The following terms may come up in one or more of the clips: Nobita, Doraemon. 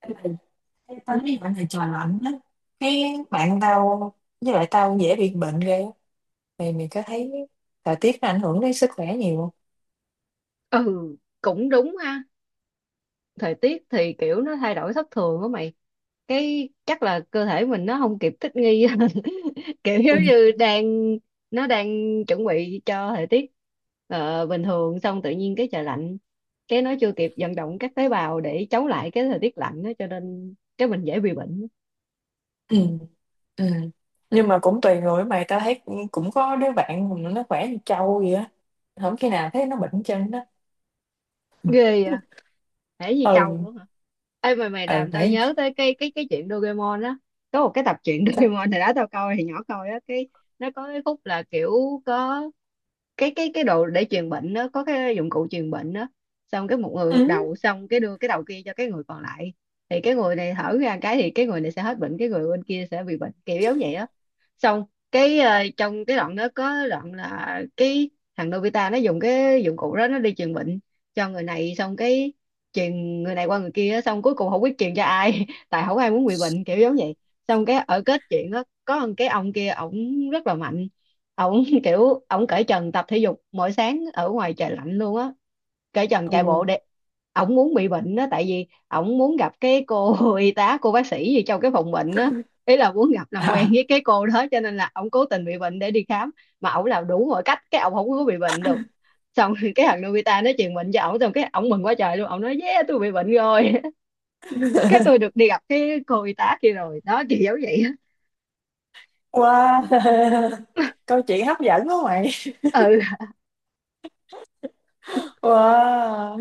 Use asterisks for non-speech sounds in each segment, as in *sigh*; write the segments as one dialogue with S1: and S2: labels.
S1: Ê, bà- thấy bạn này trời lạnh á, cái bạn tao, với lại tao dễ bị bệnh ghê á. Mày mày có thấy thời tiết nó ảnh hưởng đến sức khỏe nhiều không?
S2: Ừ, cũng đúng ha. Thời tiết thì kiểu nó thay đổi thất thường á mày. Cái chắc là cơ thể mình nó không kịp thích nghi. *laughs* Kiểu giống
S1: Ừ.
S2: như đang, nó đang chuẩn bị cho thời tiết bình thường, xong tự nhiên cái trời lạnh, cái nó chưa kịp vận động các tế bào để chống lại cái thời tiết lạnh đó, cho nên cái mình dễ bị bệnh.
S1: ừ, ừ. Nhưng mà cũng tùy người mày, tao thấy cũng có đứa bạn mà nó khỏe như trâu vậy á, không khi nào thấy nó bệnh chân đó.
S2: Ghê vậy. Thể như trâu
S1: Ừ.
S2: luôn hả? Ê, mày mày
S1: Ừ
S2: làm tao
S1: phải.
S2: nhớ tới cái chuyện Doraemon á. Có một cái tập truyện *laughs*
S1: Sao?
S2: Doraemon hồi đó tao coi thì nhỏ coi á, cái nó có cái khúc là kiểu có cái đồ để truyền bệnh đó, có cái dụng cụ truyền bệnh đó. Xong cái một người một
S1: Ừ.
S2: đầu, xong cái đưa cái đầu kia cho cái người còn lại, thì cái người này thở ra cái thì cái người này sẽ hết bệnh, cái người bên kia sẽ bị bệnh, kiểu giống vậy á. Xong cái trong cái đoạn đó có đoạn là cái thằng Nobita nó dùng cái dụng cụ đó nó đi truyền bệnh cho người này, xong cái truyền người này qua người kia á, xong cuối cùng không biết truyền cho ai *laughs* tại không ai muốn bị bệnh, kiểu giống vậy. Xong cái ở kết chuyện đó có một cái ông kia, ổng rất là mạnh. Ổng *laughs* kiểu ổng cởi trần tập thể dục mỗi sáng ở ngoài trời lạnh luôn á, cởi trần
S1: Ừ.
S2: chạy bộ để, ổng muốn bị bệnh á, tại vì ổng muốn gặp cái cô *laughs* y tá, cô bác sĩ gì trong cái phòng bệnh á. Ý là muốn gặp làm quen
S1: À.
S2: với cái cô đó, cho nên là ổng cố tình bị bệnh để đi khám. Mà ổng làm đủ mọi cách cái ổng không có bị bệnh được. Xong rồi cái thằng Nobita nó truyền bệnh cho ổng, xong cái ổng mừng quá trời luôn, ổng nói yeah tôi bị bệnh rồi. *laughs* Cái tôi được
S1: *laughs*
S2: đi gặp cái cô y tá kia rồi đó, kiểu giống vậy á.
S1: Wow. *laughs* Câu chuyện hấp dẫn quá mày.
S2: Ừ,
S1: Wow.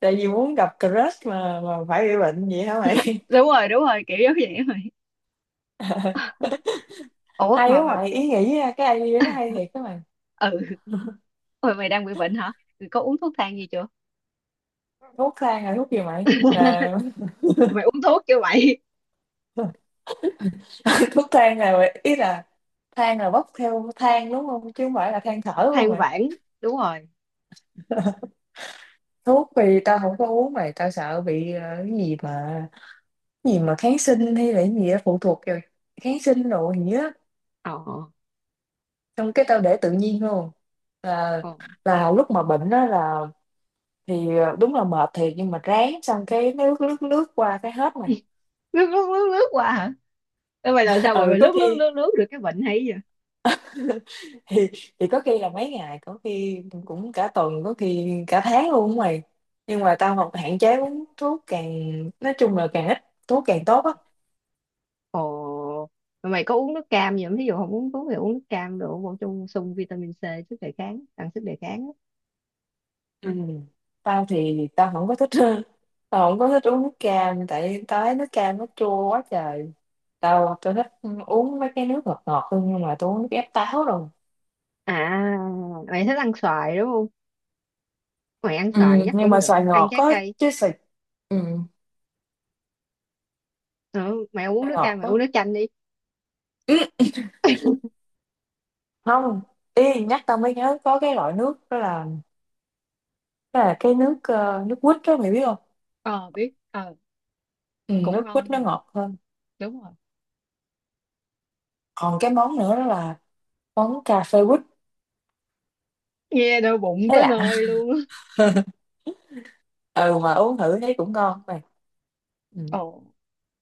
S1: Tại vì muốn gặp crush mà phải bị bệnh vậy hả mày?
S2: đúng rồi, đúng rồi, kiểu giống vậy rồi.
S1: *laughs*
S2: Ủa
S1: Hay
S2: mà,
S1: quá
S2: mà
S1: mày, ý nghĩ á, cái idea nó hay thiệt các mày.
S2: ừ.
S1: *laughs*
S2: Ôi mày đang bị bệnh hả? Mày có uống thuốc thang gì chưa?
S1: Thuốc thang là thuốc gì mày? Là-
S2: Mày uống thuốc chưa mày?
S1: *laughs* thuốc thang là ý là than là bốc theo than đúng không, chứ không phải là than thở,
S2: *laughs*
S1: đúng không
S2: Than
S1: mày?
S2: vãn, đúng rồi.
S1: *laughs* Thuốc thì tao không có uống mày, tao sợ bị cái gì mà- cái gì mà kháng sinh hay là cái gì đó phụ thuộc rồi, kháng sinh rồi gì á.
S2: Ờ, ờ.
S1: Xong cái tao để tự nhiên luôn. Là-
S2: Ờ.
S1: là lúc mà bệnh đó là- thì đúng là mệt thiệt, nhưng mà ráng xong cái nước nước nước qua cái hết mày.
S2: Lướt lướt lướt lướt qua hả? Ê, mày làm
S1: *laughs*
S2: sao mà
S1: Ừ,
S2: mày
S1: có
S2: lướt lướt
S1: khi-
S2: lướt lướt được cái bệnh hay vậy?
S1: *laughs* thì- thì có khi là mấy ngày, có khi cũng cả tuần, có khi cả tháng luôn á mày. Nhưng mà tao học hạn chế uống thuốc, càng nói chung là càng ít thuốc càng tốt á.
S2: Ồ, mà mày có uống nước cam gì không, thí dụ không uống thuốc thì uống nước cam đồ bổ sung, sung vitamin C, sức đề kháng, tăng sức đề kháng á.
S1: Ừ. Tao thì tao không có thích. *laughs* Tao không có thích uống nước cam tại tao thấy nước cam nó chua quá trời. Tao tao thích uống mấy cái nước ngọt ngọt hơn, nhưng mà tao uống nước ép táo rồi.
S2: À, mày thích ăn xoài đúng không? Mày ăn
S1: Ừ,
S2: xoài chắc
S1: nhưng
S2: cũng
S1: mà
S2: được,
S1: xoài
S2: ăn
S1: ngọt
S2: trái
S1: có,
S2: cây.
S1: chứ xoài- ừ.
S2: Ừ, mày không uống
S1: Xoài
S2: nước cam
S1: ngọt
S2: mày
S1: có.
S2: uống nước chanh đi.
S1: Ừ. Không, ý nhắc tao mới nhớ có cái loại nước đó là- đó là cái nước nước quýt đó mày biết không?
S2: Ờ biết, ờ.
S1: Ừ,
S2: Cũng
S1: nước quýt
S2: ngon
S1: nó
S2: ngọt,
S1: ngọt hơn.
S2: đúng rồi.
S1: Còn cái món nữa đó là món cà phê quýt.
S2: Nghe đau bụng
S1: Thấy
S2: tới
S1: lạ.
S2: nơi luôn á.
S1: *laughs* Ừ mà uống thử thấy cũng ngon mày. Ừ.
S2: Ờ.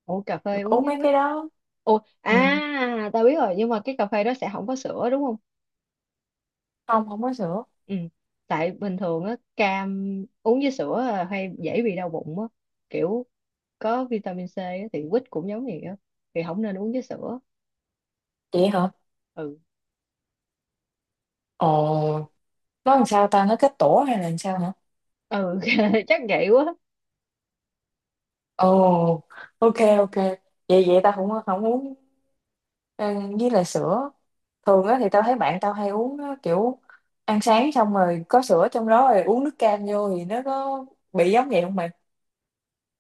S2: Ủa cà phê uống
S1: Uống
S2: với
S1: mấy
S2: quýt.
S1: cái đó.
S2: Ủa
S1: Ừ.
S2: à tao biết rồi, nhưng mà cái cà phê đó sẽ không có sữa đúng không?
S1: Không, không có sữa.
S2: Ừ. Tại bình thường á cam uống với sữa là hay dễ bị đau bụng á. Kiểu có vitamin C á, thì quýt cũng giống vậy á. Thì không nên uống với sữa.
S1: Vậy hả?
S2: Ừ.
S1: Ồ, nó làm sao ta, nó kết tổ hay là làm sao hả?
S2: Ừ, *laughs* chắc vậy quá.
S1: Ồ. Ok, ok. Vậy vậy ta không, không uống. Ờ, với lại sữa thường á thì tao thấy bạn tao hay uống á, kiểu ăn sáng xong rồi có sữa trong đó rồi uống nước cam vô thì nó có bị giống vậy không mày?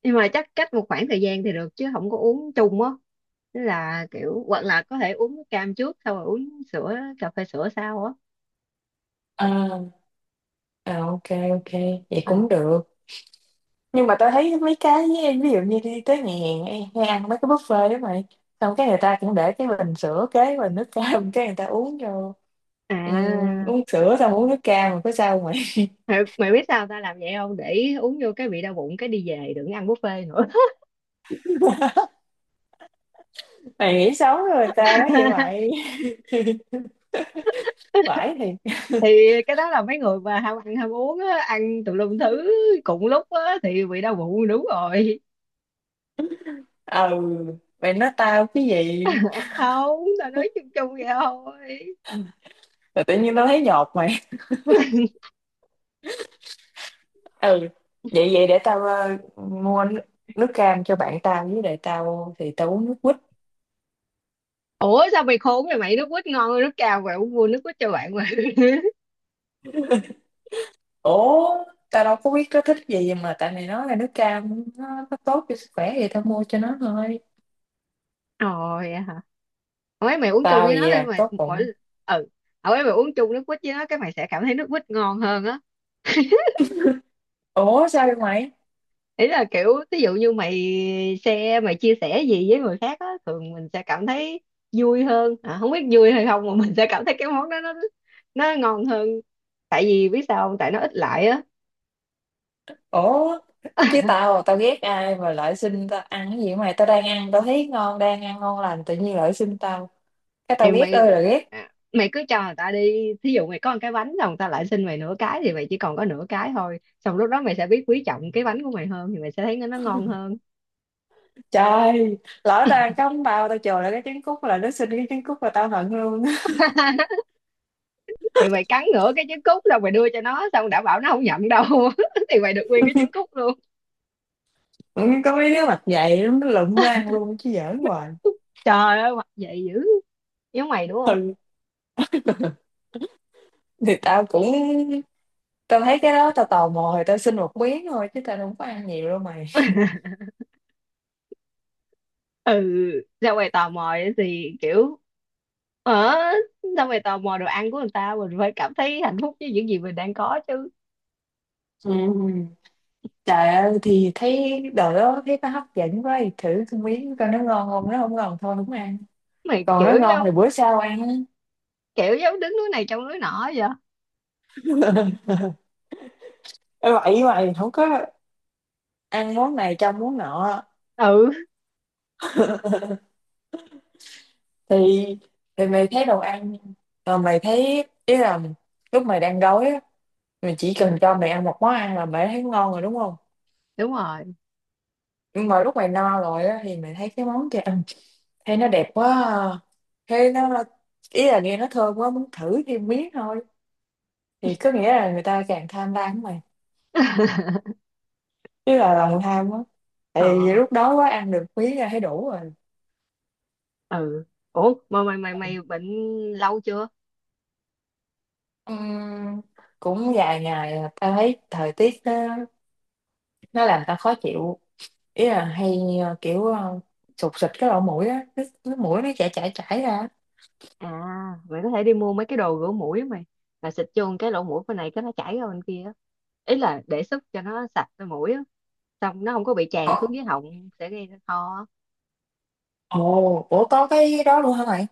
S2: Nhưng mà chắc cách một khoảng thời gian thì được, chứ không có uống chung á. Tức là kiểu hoặc là có thể uống cam trước, xong rồi uống sữa, cà phê sữa sau á.
S1: À, à ok. Ok, vậy
S2: Ừ.
S1: cũng được. Nhưng mà tao thấy mấy cái, ví dụ như đi tới nhà hàng hay, hay ăn mấy cái buffet đó mày, xong cái người ta cũng để cái bình sữa kế bình nước cam, *laughs* cái người ta uống vô.
S2: À
S1: Uống sữa xong uống nước cam rồi có sao mày?
S2: mày, mày biết sao tao làm vậy không, để uống vô cái bị đau bụng cái đi về đừng ăn buffet nữa.
S1: *laughs* Mày nghĩ xấu rồi người ta quá vậy
S2: *laughs*
S1: mày. *laughs* Phải thì-
S2: Thì cái đó là mấy người mà ham ăn ham uống á, ăn tùm lum thứ cùng lúc á, thì bị đau bụng đúng rồi.
S1: ừ. Mày nói tao cái gì?
S2: Không, tao nói chung chung vậy thôi.
S1: Rồi tự nhiên tao thấy nhột mày. Ừ, vậy vậy để tao mua nước, nước cam cho bạn tao, với lại tao thì tao uống nước quýt.
S2: Ủa sao mày khốn vậy mày, nước quýt ngon hơn nước cam, mày uống mua nước quýt cho bạn mà. *laughs*
S1: Ủa, tao đâu có biết nó thích gì mà, tại mày nói là nước cam nó tốt cho sức khỏe thì tao mua cho nó thôi.
S2: Ồ, vậy hả? Hồi ấy mày uống chung
S1: Tao
S2: với
S1: gì
S2: nó đi
S1: à,
S2: mày,
S1: tốt
S2: mỗi,
S1: bụng.
S2: ừ. Hồi ấy mày uống chung nước quýt với nó cái mày sẽ cảm thấy nước quýt ngon hơn á.
S1: Ủa sao vậy mày?
S2: Ý là kiểu ví dụ như mày share, mày chia sẻ gì với người khác á, thường mình sẽ cảm thấy vui hơn, à, không biết vui hay không mà mình sẽ cảm thấy cái món đó nó ngon hơn, tại vì biết sao không, tại nó ít lại á.
S1: Ủa, chứ tao tao ghét ai mà lại xin tao ăn cái gì vậy mày, tao đang ăn tao thấy ngon, đang ăn ngon lành tự nhiên lại xin tao, cái tao
S2: thì
S1: ghét ơi
S2: mày
S1: là ghét.
S2: Mày cứ cho người ta đi, thí dụ mày có một cái bánh rồi người ta lại xin mày nửa cái thì mày chỉ còn có nửa cái thôi, xong lúc đó mày sẽ biết quý trọng cái bánh của mày hơn, thì mày sẽ thấy nó ngon hơn.
S1: Trời, lỡ tao ăn cắm bao tao chừa lại cái trứng cút, là nó xin cái trứng cút là tao hận luôn.
S2: *laughs* Thì mày cắn nửa cái trứng cút rồi mày đưa cho nó, xong đảm bảo nó không nhận đâu. *laughs* Thì mày được nguyên cái trứng cút luôn.
S1: Vẫn có mấy đứa mặt dày lắm, nó lụm ra ăn luôn chứ giỡn hoài.
S2: Trời ơi, mặc vậy dữ, giống mày đúng không?
S1: Ừ. Thì tao cũng- tao thấy cái đó tao tò mò thì tao xin một miếng thôi, chứ tao không có ăn nhiều đâu mày.
S2: Ừ, ra ngoài tò mò ấy thì kiểu, ở, ra ngoài tò mò đồ ăn của người ta, mình phải cảm thấy hạnh phúc với những gì mình đang có chứ.
S1: Ừ. Trời ơi thì thấy đồ đó thấy nó hấp dẫn quá thì thử cái miếng coi nó ngon không, nó không ngon thôi không ăn,
S2: Mày
S1: còn nó
S2: kiểu
S1: ngon thì
S2: giống,
S1: bữa sau ăn á.
S2: kiểu giống đứng núi này trông núi nọ vậy.
S1: *laughs* Ê, vậy mày không có ăn món này trong món nọ.
S2: Ừ,
S1: *laughs* Thì- thì mày thấy đồ ăn, rồi mày thấy ý là lúc mày đang đói á, mày chỉ cần cho mày ăn một món ăn là mày thấy ngon rồi đúng không?
S2: đúng rồi.
S1: Nhưng mà lúc mày no rồi á thì mày thấy cái món kia ăn, thấy nó đẹp quá à, thấy nó- ý là nghe nó thơm quá, muốn thử thêm miếng thôi. Thì có nghĩa là người ta càng tham lam của mày, chứ là lòng tham á, tại vì
S2: Ờ.
S1: lúc đó quá ăn được miếng là thấy đủ rồi.
S2: Ừ. Ủa mà mày mày mày bệnh lâu chưa?
S1: Ừm, cũng vài ngày là tao thấy thời tiết nó làm tao khó chịu. Ý là hay kiểu sụt sịt cái lỗ mũi á, cái mũi nó chảy chảy chảy ra.
S2: À, mày có thể đi mua mấy cái đồ rửa mũi á mày, là xịt vô cái lỗ mũi bên này cái nó chảy ra bên kia á. Ý là để sức cho nó sạch cái mũi á, xong nó không có bị tràn xuống dưới họng sẽ gây ra ho á.
S1: Ồ, ủa có cái đó luôn hả mày?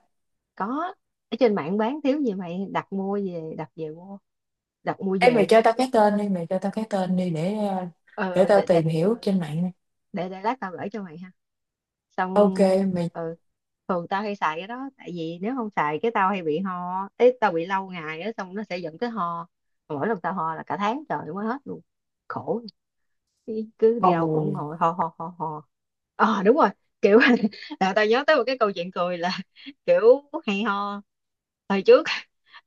S2: Có, ở trên mạng bán thiếu gì, mày đặt mua về, đặt về mua, đặt mua
S1: Ê mày
S2: về.
S1: cho tao cái tên đi, mày cho tao cái tên đi để
S2: ờ
S1: để
S2: ờ,
S1: tao
S2: để để
S1: tìm hiểu trên mạng nè.
S2: để lát tao gửi cho mày ha.
S1: Ok
S2: Xong,
S1: mày.
S2: ờ, thường tao hay xài cái đó, tại vì nếu không xài cái tao hay bị ho ấy, tao bị lâu ngày á, xong nó sẽ dẫn tới ho. Mà mỗi lần tao ho là cả tháng trời mới hết luôn, khổ, cứ đi đâu cũng
S1: Ồ.
S2: ngồi ho ho ho ho. Ờ đúng rồi, kiểu *laughs* là tao nhớ tới một cái câu chuyện cười là, *laughs* kiểu hay ho, hồi trước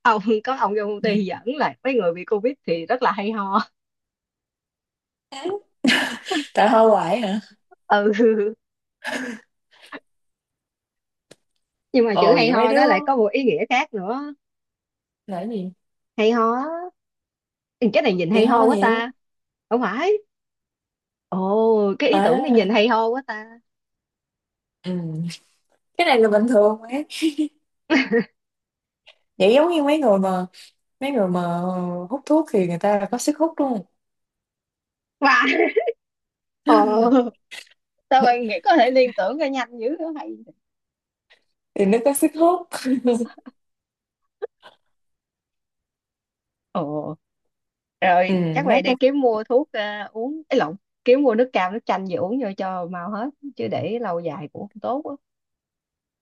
S2: ông có ông trong công ty dẫn là mấy người bị covid thì rất là hay ho.
S1: *laughs* Tại hoa hoài hả?
S2: *laughs* Ừ. Nhưng mà chữ
S1: Ồ
S2: hay
S1: vậy mấy
S2: ho đó
S1: đứa
S2: lại có một ý nghĩa khác nữa,
S1: là cái gì?
S2: hay ho á. Ừ, cái này nhìn
S1: Thì
S2: hay ho
S1: ho
S2: quá
S1: nhiều.
S2: ta. Không phải, ồ cái ý tưởng này nhìn
S1: À,
S2: hay ho quá ta.
S1: ừ. Cái này là bình thường mà. Vậy giống như mấy người mà- mấy người mà hút thuốc thì người ta là có sức hút đúng không?
S2: Và, ồ,
S1: *laughs*
S2: sao bạn nghĩ có thể liên tưởng ra nhanh dữ, hay.
S1: Thì nó có sức hút.
S2: Ồ,
S1: Ừ,
S2: rồi chắc vậy
S1: nhắc cho-
S2: đi kiếm mua thuốc, à, uống, ấy lộn, kiếm mua nước cam, nước chanh về uống vô cho mau hết, chứ để lâu dài cũng không tốt á.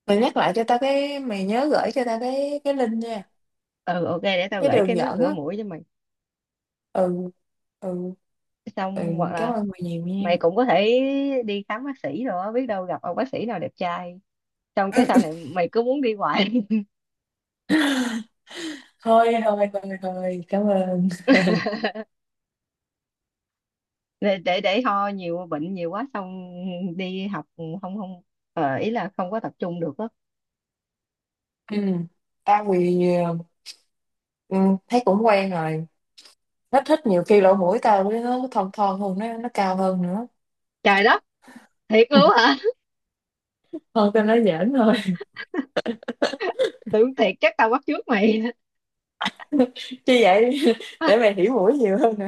S1: mày nhắc lại cho tao cái, mày nhớ gửi cho tao cái link nha.
S2: Ừ, ok, để tao
S1: Cái
S2: gửi cái
S1: đường
S2: nước
S1: dẫn
S2: rửa
S1: á.
S2: mũi cho mày.
S1: Ừ. Ừ. Ừ,
S2: Xong hoặc
S1: cảm
S2: là
S1: ơn mày nhiều nha.
S2: mày cũng có thể đi khám bác sĩ rồi á, biết đâu gặp ông bác sĩ nào đẹp trai. Xong cái sau này mày cứ muốn đi hoài. *laughs*
S1: *laughs* Thôi thôi thôi thôi, cảm ơn.
S2: Để ho nhiều, bệnh nhiều quá, xong đi học không, không, ờ, ý là không có tập trung được á.
S1: Ừ. Tao bị- ừ, thấy cũng quen rồi. Hết thích, nhiều khi lỗ mũi tao với nó thon thon hơn, nó cao hơn nữa.
S2: Trời đất, thiệt luôn
S1: *laughs*
S2: hả?
S1: Thôi tao nói giỡn thôi.
S2: *laughs* Tưởng thiệt chắc tao bắt chước mày.
S1: *laughs* Chứ vậy để mày
S2: *laughs*
S1: hiểu mũi nhiều hơn nữa.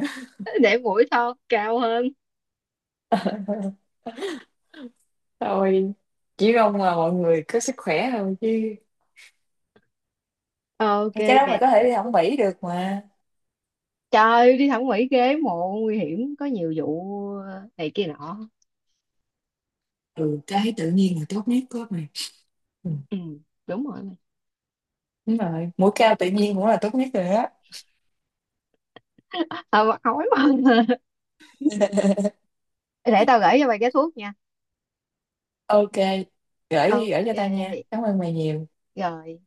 S2: Để mũi to cao hơn.
S1: *laughs* Thôi, chỉ mong là mọi người có sức khỏe thôi chứ.
S2: Ờ, ok
S1: Cái đó mày
S2: để,
S1: có thể đi học Mỹ được mà.
S2: trời ơi, đi thẩm mỹ ghế mộ nguy hiểm, có nhiều vụ ờ, này kia nọ.
S1: Ừ, cái tự nhiên là tốt nhất của mày. Ừ.
S2: Ừ, đúng rồi.
S1: Đúng rồi, mũi cao tự nhiên cũng là tốt nhất rồi á.
S2: Ờ mà ói mà. *laughs*
S1: *laughs*
S2: Để tao gửi cho mày cái thuốc nha.
S1: Ok, gửi gửi
S2: Ok,
S1: cho tao nha, cảm ơn mày nhiều.
S2: rồi.